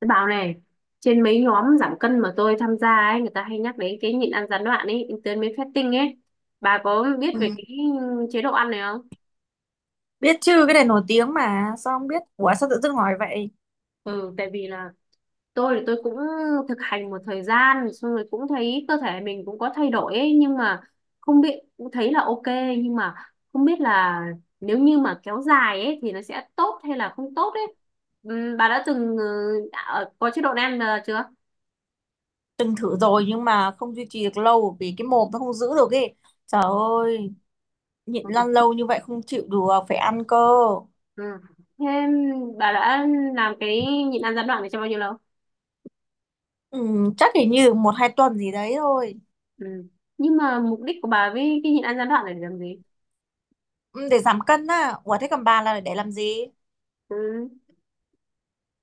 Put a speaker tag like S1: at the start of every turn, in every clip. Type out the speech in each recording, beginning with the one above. S1: Tôi bảo này, trên mấy nhóm giảm cân mà tôi tham gia ấy, người ta hay nhắc đến cái nhịn ăn gián đoạn ấy, intermittent fasting ấy. Bà có biết
S2: Ừ.
S1: về cái chế độ ăn này không?
S2: Biết chứ, cái này nổi tiếng mà sao không biết. Ủa, sao tự dưng hỏi vậy?
S1: Ừ, tại vì là tôi thì tôi cũng thực hành một thời gian, xong rồi cũng thấy cơ thể mình cũng có thay đổi ấy, nhưng mà không biết, cũng thấy là ok, nhưng mà không biết là nếu như mà kéo dài ấy thì nó sẽ tốt hay là không tốt ấy. Ừ, Bà đã từng có chế độ này ăn chưa?
S2: Từng thử rồi nhưng mà không duy trì được lâu. Vì cái mồm nó không giữ được ấy. Trời ơi, nhịn
S1: Ừ.
S2: lăn lâu như vậy không chịu được. Phải ăn cơ.
S1: Ừ. Thế bà đã làm cái nhịn ăn gián đoạn này trong bao nhiêu lâu?
S2: ừ, Chắc chỉ như một hai tuần gì đấy thôi.
S1: Ừ. Nhưng mà mục đích của bà với cái nhịn ăn gián đoạn này để làm gì?
S2: Ừ, để giảm cân á. Ủa thế còn bà là để làm gì?
S1: Ừ.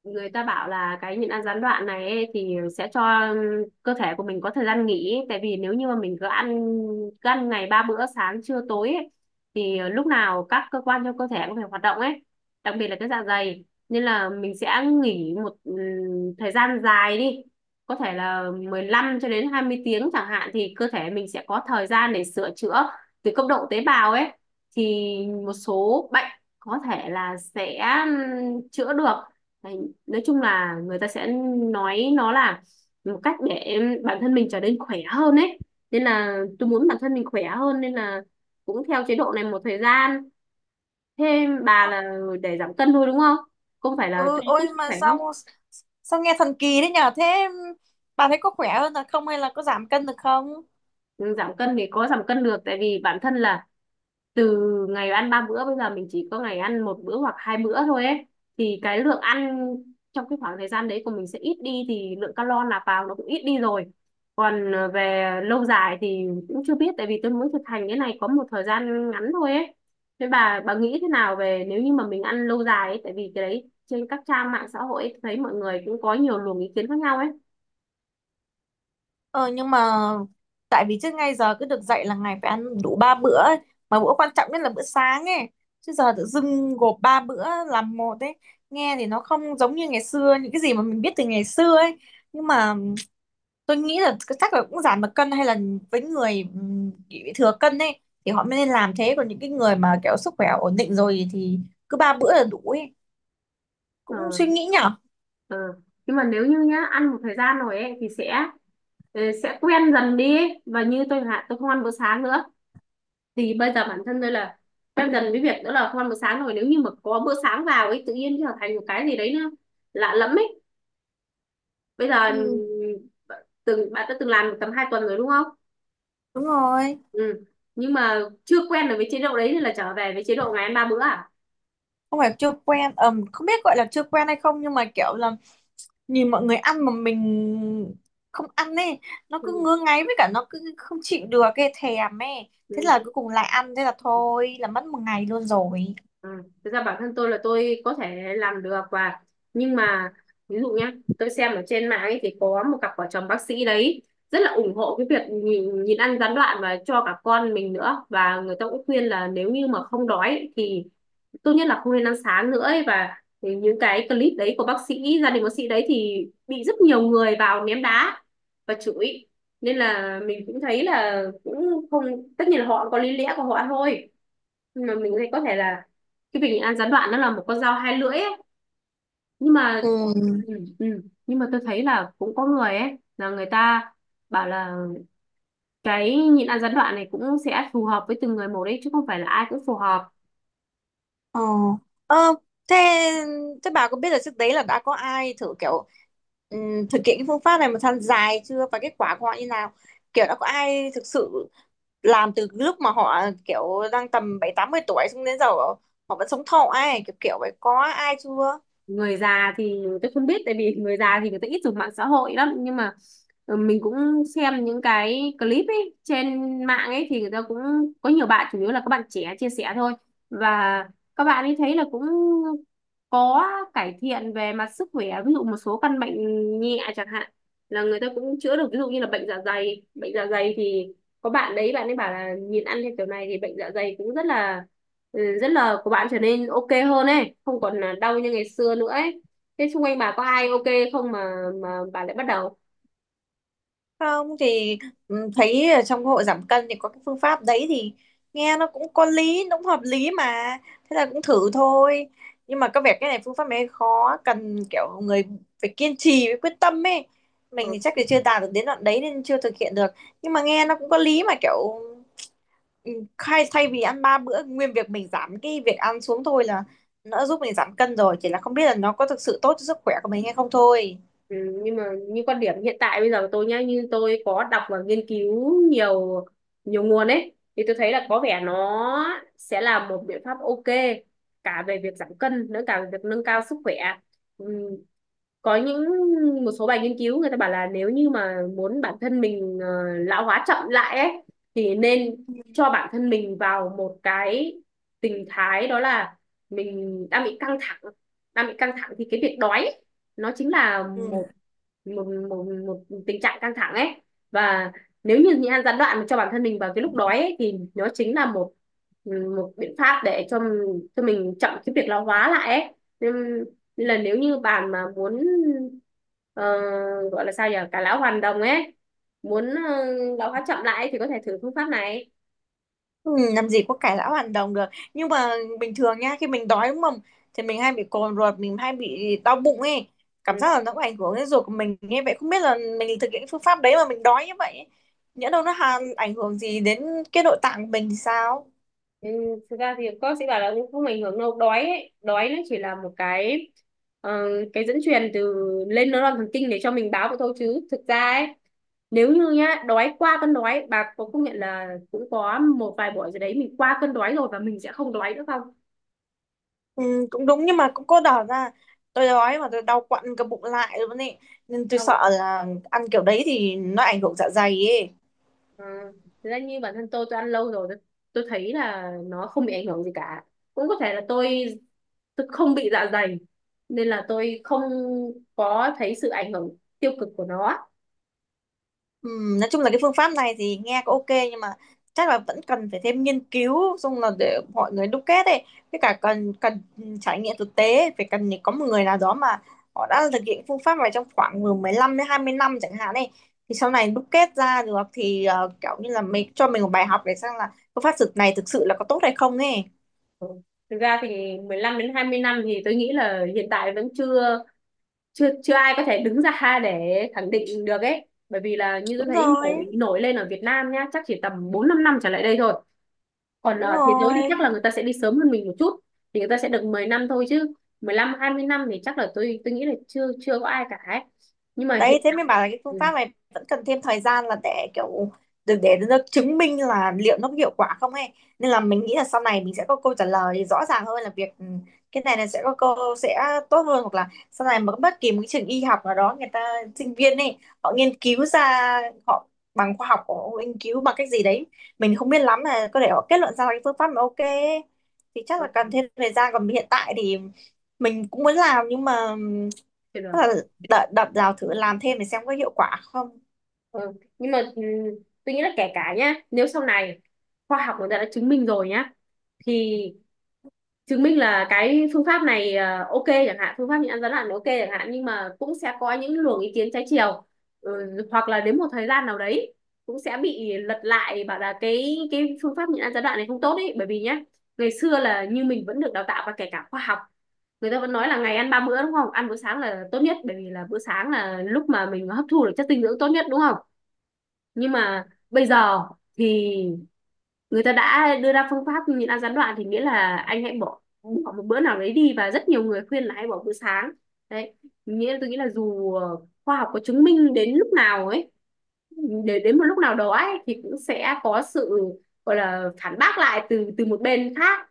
S1: Người ta bảo là cái nhịn ăn gián đoạn này ấy, thì sẽ cho cơ thể của mình có thời gian nghỉ, tại vì nếu như mà mình cứ ăn ngày 3 bữa sáng trưa tối ấy, thì lúc nào các cơ quan trong cơ thể cũng phải hoạt động ấy, đặc biệt là cái dạ dày, nên là mình sẽ nghỉ một thời gian dài đi, có thể là 15 cho đến 20 tiếng chẳng hạn, thì cơ thể mình sẽ có thời gian để sửa chữa từ cấp độ tế bào ấy, thì một số bệnh có thể là sẽ chữa được. Đấy, nói chung là người ta sẽ nói nó là một cách để bản thân mình trở nên khỏe hơn ấy, nên là tôi muốn bản thân mình khỏe hơn nên là cũng theo chế độ này một thời gian. Thêm bà là để giảm cân thôi đúng không, không phải là
S2: Ừ,
S1: cho tốt
S2: ôi mà
S1: khỏe không?
S2: sao sao nghe thần kỳ đấy nhở. Thế bà thấy có khỏe hơn là không? Hay là có giảm cân được không?
S1: Ừ, giảm cân thì có giảm cân được tại vì bản thân là từ ngày ăn 3 bữa bây giờ mình chỉ có ngày ăn 1 bữa hoặc 2 bữa thôi ấy, thì cái lượng ăn trong cái khoảng thời gian đấy của mình sẽ ít đi thì lượng calo nạp vào nó cũng ít đi rồi. Còn về lâu dài thì cũng chưa biết tại vì tôi mới thực hành cái này có một thời gian ngắn thôi ấy. Thế bà nghĩ thế nào về nếu như mà mình ăn lâu dài ấy, tại vì cái đấy trên các trang mạng xã hội ấy, thấy mọi người cũng có nhiều luồng ý kiến khác nhau ấy.
S2: Ờ, nhưng mà tại vì trước ngay giờ cứ được dạy là ngày phải ăn đủ ba bữa ấy. Mà bữa quan trọng nhất là bữa sáng ấy. Chứ giờ tự dưng gộp ba bữa làm một ấy. Nghe thì nó không giống như ngày xưa, những cái gì mà mình biết từ ngày xưa ấy. Nhưng mà tôi nghĩ là chắc là cũng giảm được cân, hay là với người bị thừa cân ấy thì họ mới nên làm thế, còn những cái người mà kiểu sức khỏe ổn định rồi thì cứ ba bữa là đủ ấy.
S1: Ờ,
S2: Cũng suy nghĩ nhở.
S1: ừ. Nhưng mà nếu như nhá ăn một thời gian rồi ấy thì sẽ sẽ quen dần đi ấy. Và như tôi chẳng hạn tôi không ăn bữa sáng nữa, thì bây giờ bản thân tôi là quen dần với việc đó là không ăn bữa sáng rồi, nếu như mà có bữa sáng vào ấy tự nhiên trở thành một cái gì đấy nó lạ lẫm ấy. Bây giờ
S2: Ừ,
S1: từng bạn đã từng làm được tầm 2 tuần rồi đúng không?
S2: đúng rồi.
S1: Ừ. Nhưng mà chưa quen được với chế độ đấy thì là trở về với chế độ ngày ăn 3 bữa à?
S2: Không phải chưa quen, không biết gọi là chưa quen hay không, nhưng mà kiểu là nhìn mọi người ăn mà mình không ăn ấy, nó cứ
S1: Ừ.
S2: ngứa ngáy, với cả nó cứ không chịu được cái thèm ấy, thế là
S1: Ừ.
S2: cuối cùng lại ăn, thế là thôi là mất một ngày luôn rồi.
S1: Ừ. Thực ra bản thân tôi là tôi có thể làm được, và nhưng mà ví dụ nhá, tôi xem ở trên mạng ấy thì có một cặp vợ chồng bác sĩ đấy rất là ủng hộ cái việc nhìn ăn gián đoạn và cho cả con mình nữa, và người ta cũng khuyên là nếu như mà không đói thì tốt nhất là không nên ăn sáng nữa ấy. Và thì những cái clip đấy của bác sĩ gia đình, bác sĩ đấy thì bị rất nhiều người vào ném đá và chửi, nên là mình cũng thấy là cũng không. Tất nhiên là họ có lý lẽ của họ thôi, nhưng mà mình thấy có thể là cái việc nhịn ăn gián đoạn nó là một con dao hai lưỡi ấy. Nhưng mà
S2: ừ
S1: ừ, ừ. Nhưng mà tôi thấy là cũng có người ấy là người ta bảo là cái nhịn ăn gián đoạn này cũng sẽ phù hợp với từng người một đấy, chứ không phải là ai cũng phù hợp.
S2: ờ ờ thế thế bà có biết là trước đấy là đã có ai thử kiểu thực hiện cái phương pháp này một thời gian dài chưa và kết quả của họ như nào? Kiểu đã có ai thực sự làm từ lúc mà họ kiểu đang tầm 70 80 tuổi xong đến giờ họ vẫn sống thọ ấy, kiểu kiểu vậy, có ai chưa?
S1: Người già thì tôi không biết tại vì người già thì người ta ít dùng mạng xã hội lắm, nhưng mà ừ, mình cũng xem những cái clip ấy trên mạng ấy thì người ta cũng có nhiều bạn, chủ yếu là các bạn trẻ chia sẻ thôi, và các bạn ấy thấy là cũng có cải thiện về mặt sức khỏe, ví dụ một số căn bệnh nhẹ chẳng hạn là người ta cũng chữa được, ví dụ như là bệnh dạ dày. Bệnh dạ dày thì có bạn đấy bạn ấy bảo là nhìn ăn theo kiểu này thì bệnh dạ dày cũng rất là ừ, rất là của bạn trở nên ok hơn ấy, không còn là đau như ngày xưa nữa ấy. Thế xung quanh bà có ai ok không mà mà bà lại bắt đầu?
S2: Không thì thấy ở trong hội giảm cân thì có cái phương pháp đấy thì nghe nó cũng có lý, nó cũng hợp lý mà, thế là cũng thử thôi. Nhưng mà có vẻ cái này phương pháp này khó, cần kiểu người phải kiên trì với quyết tâm ấy.
S1: Ờ.
S2: Mình thì chắc thì chưa đạt được đến đoạn đấy nên chưa thực hiện được. Nhưng mà nghe nó cũng có lý mà kiểu, ừ, khai thay vì ăn ba bữa nguyên việc mình giảm cái việc ăn xuống thôi là nó giúp mình giảm cân rồi, chỉ là không biết là nó có thực sự tốt cho sức khỏe của mình hay không thôi.
S1: Ừ, nhưng mà như quan điểm hiện tại bây giờ của tôi nhá, như tôi có đọc và nghiên cứu nhiều nhiều nguồn ấy, thì tôi thấy là có vẻ nó sẽ là một biện pháp ok cả về việc giảm cân nữa, cả về việc nâng cao sức khỏe. Ừ. Có những một số bài nghiên cứu người ta bảo là nếu như mà muốn bản thân mình lão hóa chậm lại ấy, thì nên cho bản thân mình vào một cái tình thái, đó là mình đang bị căng thẳng. Đang bị căng thẳng thì cái việc đói nó chính là một
S2: Ừ.
S1: một một tình trạng căng thẳng ấy. Và nếu như nhịn ăn gián đoạn cho bản thân mình vào cái lúc đói ấy, thì nó chính là một một biện pháp để cho mình chậm cái việc lão hóa lại ấy, nên, nên là nếu như bạn mà muốn ờ, gọi là sao nhỉ cả lão hoàn đồng ấy, muốn lão hóa chậm lại thì có thể thử phương pháp này.
S2: Ừ, làm gì có cải lão hoàn đồng được. Nhưng mà bình thường nha, khi mình đói đúng không, thì mình hay bị cồn ruột, mình hay bị đau bụng ấy, cảm
S1: Ừ.
S2: giác là nó cũng ảnh hưởng đến ruột của mình, nghe vậy không biết là mình thực hiện cái phương pháp đấy mà mình đói như vậy ấy, nhỡ đâu nó hàn ảnh hưởng gì đến cái nội tạng của mình thì sao?
S1: Ừ, thực ra thì cô sẽ bảo là cũng không ảnh hưởng đâu đói ấy. Đói nó chỉ là một cái ờ, cái dẫn truyền từ lên neuron thần kinh để cho mình báo vậy thôi, chứ thực ra ấy nếu như nhá đói qua cơn đói, bà có công nhận là cũng có một vài buổi rồi đấy mình qua cơn đói rồi và mình sẽ không đói nữa không?
S2: Ừ, cũng đúng, nhưng mà cũng có đỏ ra tôi đói mà tôi đau quặn cả bụng lại luôn ấy, nên tôi
S1: Không.
S2: sợ là ăn kiểu đấy thì nó ảnh hưởng dạ dày ấy.
S1: Ờ, thực ra như bản thân tôi ăn lâu rồi, tôi thấy là nó không bị ảnh hưởng gì cả. Cũng có thể là tôi không bị dạ dày nên là tôi không có thấy sự ảnh hưởng tiêu cực của nó.
S2: Nói chung là cái phương pháp này thì nghe có ok nhưng mà chắc là vẫn cần phải thêm nghiên cứu xong là để mọi người đúc kết ấy, với cả cần cần trải nghiệm thực tế, phải cần có một người nào đó mà họ đã thực hiện phương pháp này trong khoảng từ 15 đến 20 năm chẳng hạn ấy, thì sau này đúc kết ra được thì kiểu như là mình cho mình một bài học để xem là phương pháp thực này thực sự là có tốt hay không ấy.
S1: Ừ. Thực ra thì 15 đến 20 năm thì tôi nghĩ là hiện tại vẫn chưa chưa chưa ai có thể đứng ra để khẳng định được ấy. Bởi vì là như tôi
S2: Đúng
S1: thấy nổi,
S2: rồi.
S1: nổi lên ở Việt Nam nhá, chắc chỉ tầm 4-5 năm trở lại đây thôi. Còn
S2: Đúng
S1: ở thế giới thì chắc
S2: rồi,
S1: là người ta sẽ đi sớm hơn mình một chút thì người ta sẽ được 10 năm thôi, chứ 15-20 năm thì chắc là tôi nghĩ là chưa chưa có ai cả ấy. Nhưng mà
S2: đấy
S1: hiện
S2: thế
S1: tại
S2: mới bảo là cái phương
S1: ừ,
S2: pháp này vẫn cần thêm thời gian là để kiểu để nó chứng minh là liệu nó có hiệu quả không ấy, nên là mình nghĩ là sau này mình sẽ có câu trả lời rõ ràng hơn là việc ừ, cái này là sẽ có câu sẽ tốt hơn, hoặc là sau này mà bất kỳ một cái trường y học nào đó, người ta sinh viên ấy họ nghiên cứu ra, họ bằng khoa học của họ nghiên cứu bằng cách gì đấy mình không biết lắm, là có thể họ kết luận ra là cái phương pháp mà ok ấy. Thì chắc là
S1: ừ,
S2: cần thêm thời gian, còn hiện tại thì mình cũng muốn làm nhưng mà ừ,
S1: chưa
S2: tức
S1: được.
S2: là đợi đập rào thử làm thêm để xem có hiệu quả không.
S1: Ừ. Nhưng mà ừ, tôi nghĩ là kể cả nhá, nếu sau này khoa học người ta đã chứng minh rồi nhá, thì chứng minh là cái phương pháp này ok chẳng hạn, phương pháp nhịn ăn rắn lặn ok chẳng hạn, nhưng mà cũng sẽ có những luồng ý kiến trái chiều. Ừ, hoặc là đến một thời gian nào đấy cũng sẽ bị lật lại bảo là cái phương pháp nhịn ăn gián đoạn này không tốt ấy. Bởi vì nhá ngày xưa là như mình vẫn được đào tạo và kể cả khoa học người ta vẫn nói là ngày ăn ba bữa đúng không, ăn bữa sáng là tốt nhất bởi vì là bữa sáng là lúc mà mình hấp thu được chất dinh dưỡng tốt nhất đúng không. Nhưng mà bây giờ thì người ta đã đưa ra phương pháp nhịn ăn gián đoạn thì nghĩa là anh hãy bỏ bỏ một bữa nào đấy đi và rất nhiều người khuyên là hãy bỏ bữa sáng. Đấy, nghĩa là tôi nghĩ là dù khoa học có chứng minh đến lúc nào ấy, để đến một lúc nào đó ấy thì cũng sẽ có sự gọi là phản bác lại từ từ một bên khác.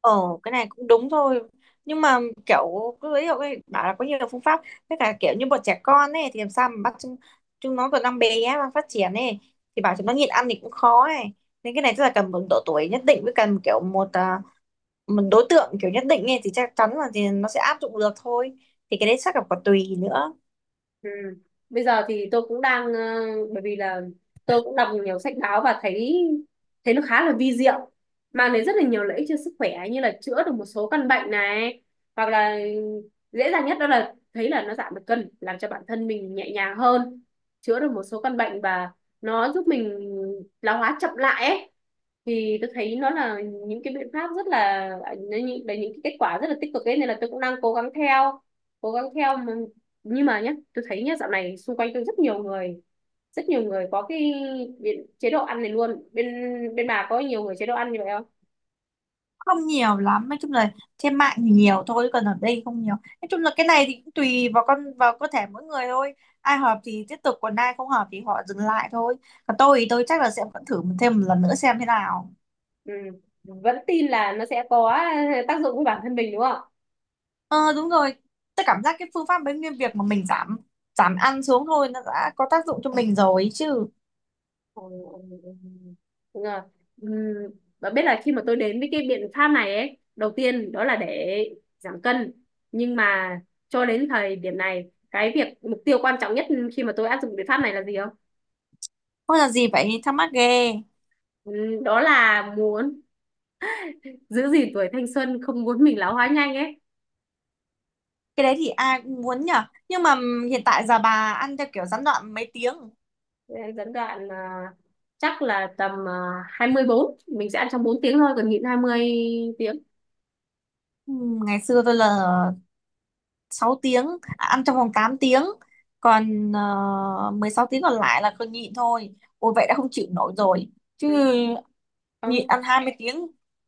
S2: Ờ, cái này cũng đúng thôi, nhưng mà kiểu cứ ví dụ ấy, bảo là có nhiều phương pháp, với cả kiểu như bọn trẻ con ấy thì làm sao mà bắt chúng nó còn đang bé, đang phát triển ấy, thì bảo chúng nó nhịn ăn thì cũng khó ấy, nên cái này tức là cần một độ tuổi nhất định, với cần kiểu một đối tượng kiểu nhất định ấy thì chắc chắn là thì nó sẽ áp dụng được thôi, thì cái đấy chắc là còn tùy nữa.
S1: Ừ. Bây giờ thì tôi cũng đang bởi vì là tôi cũng đọc nhiều sách báo và thấy thấy nó khá là vi diệu, mang đến rất là nhiều lợi ích cho sức khỏe, như là chữa được một số căn bệnh này, hoặc là dễ dàng nhất đó là thấy là nó giảm được cân làm cho bản thân mình nhẹ nhàng hơn, chữa được một số căn bệnh và nó giúp mình lão hóa chậm lại ấy, thì tôi thấy nó là những cái biện pháp rất là, là những cái kết quả rất là tích cực ấy, nên là tôi cũng đang cố gắng theo cố gắng theo. Nhưng mà nhé tôi thấy nhé dạo này xung quanh tôi rất nhiều người, rất nhiều người có cái chế độ ăn này luôn. Bên bên bà có nhiều người chế độ ăn như vậy không?
S2: Không nhiều lắm, nói chung là trên mạng thì nhiều thôi, còn ở đây không nhiều. Nói chung là cái này thì cũng tùy vào con vào cơ thể mỗi người thôi, ai hợp thì tiếp tục, còn ai không hợp thì họ dừng lại thôi. Còn tôi thì tôi chắc là sẽ vẫn thử thêm một lần nữa xem thế nào.
S1: Ừ. Vẫn tin là nó sẽ có tác dụng với bản thân mình đúng không?
S2: Ờ, đúng rồi, tôi cảm giác cái phương pháp bánh nguyên việc mà mình giảm giảm ăn xuống thôi nó đã có tác dụng cho mình rồi ấy chứ.
S1: Ừ, ừ. Đúng rồi. Ừm, Và biết là khi mà tôi đến với cái biện pháp này ấy, đầu tiên đó là để giảm cân. Nhưng mà cho đến thời điểm này, cái việc mục tiêu quan trọng nhất khi mà tôi áp dụng biện pháp này là gì không?
S2: Không, là gì vậy, thắc mắc ghê.
S1: Đó là muốn giữ gìn tuổi thanh xuân, không muốn mình lão hóa nhanh ấy.
S2: Cái đấy thì ai cũng muốn nhở, nhưng mà hiện tại giờ bà ăn theo kiểu gián đoạn mấy tiếng?
S1: Nên dẫn đoạn à, chắc là tầm à, 24 mình sẽ ăn trong 4 tiếng thôi còn nhịn 20 tiếng.
S2: Ừ, ngày xưa tôi là 6 tiếng, ăn trong vòng 8 tiếng còn 16 tiếng còn lại là cứ nhịn thôi, ôi vậy đã không chịu nổi rồi chứ.
S1: Ừ.
S2: Nhịn
S1: Không.
S2: ăn 20 tiếng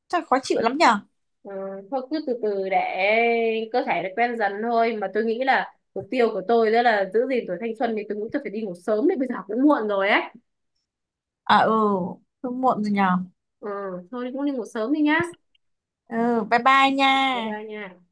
S2: chắc khó chịu lắm nhở.
S1: Ừ. Thôi cứ từ từ để cơ thể nó quen dần thôi, mà tôi nghĩ là mục tiêu của tôi đó là giữ gìn tuổi thanh xuân thì tôi nghĩ tôi phải đi ngủ sớm đấy, bây giờ cũng muộn rồi ấy.
S2: À, ừ, hơi muộn rồi nhở.
S1: Ừ. Thôi cũng đi ngủ sớm đi nhá.
S2: Ừ, bye bye nha.
S1: Bye bye nha.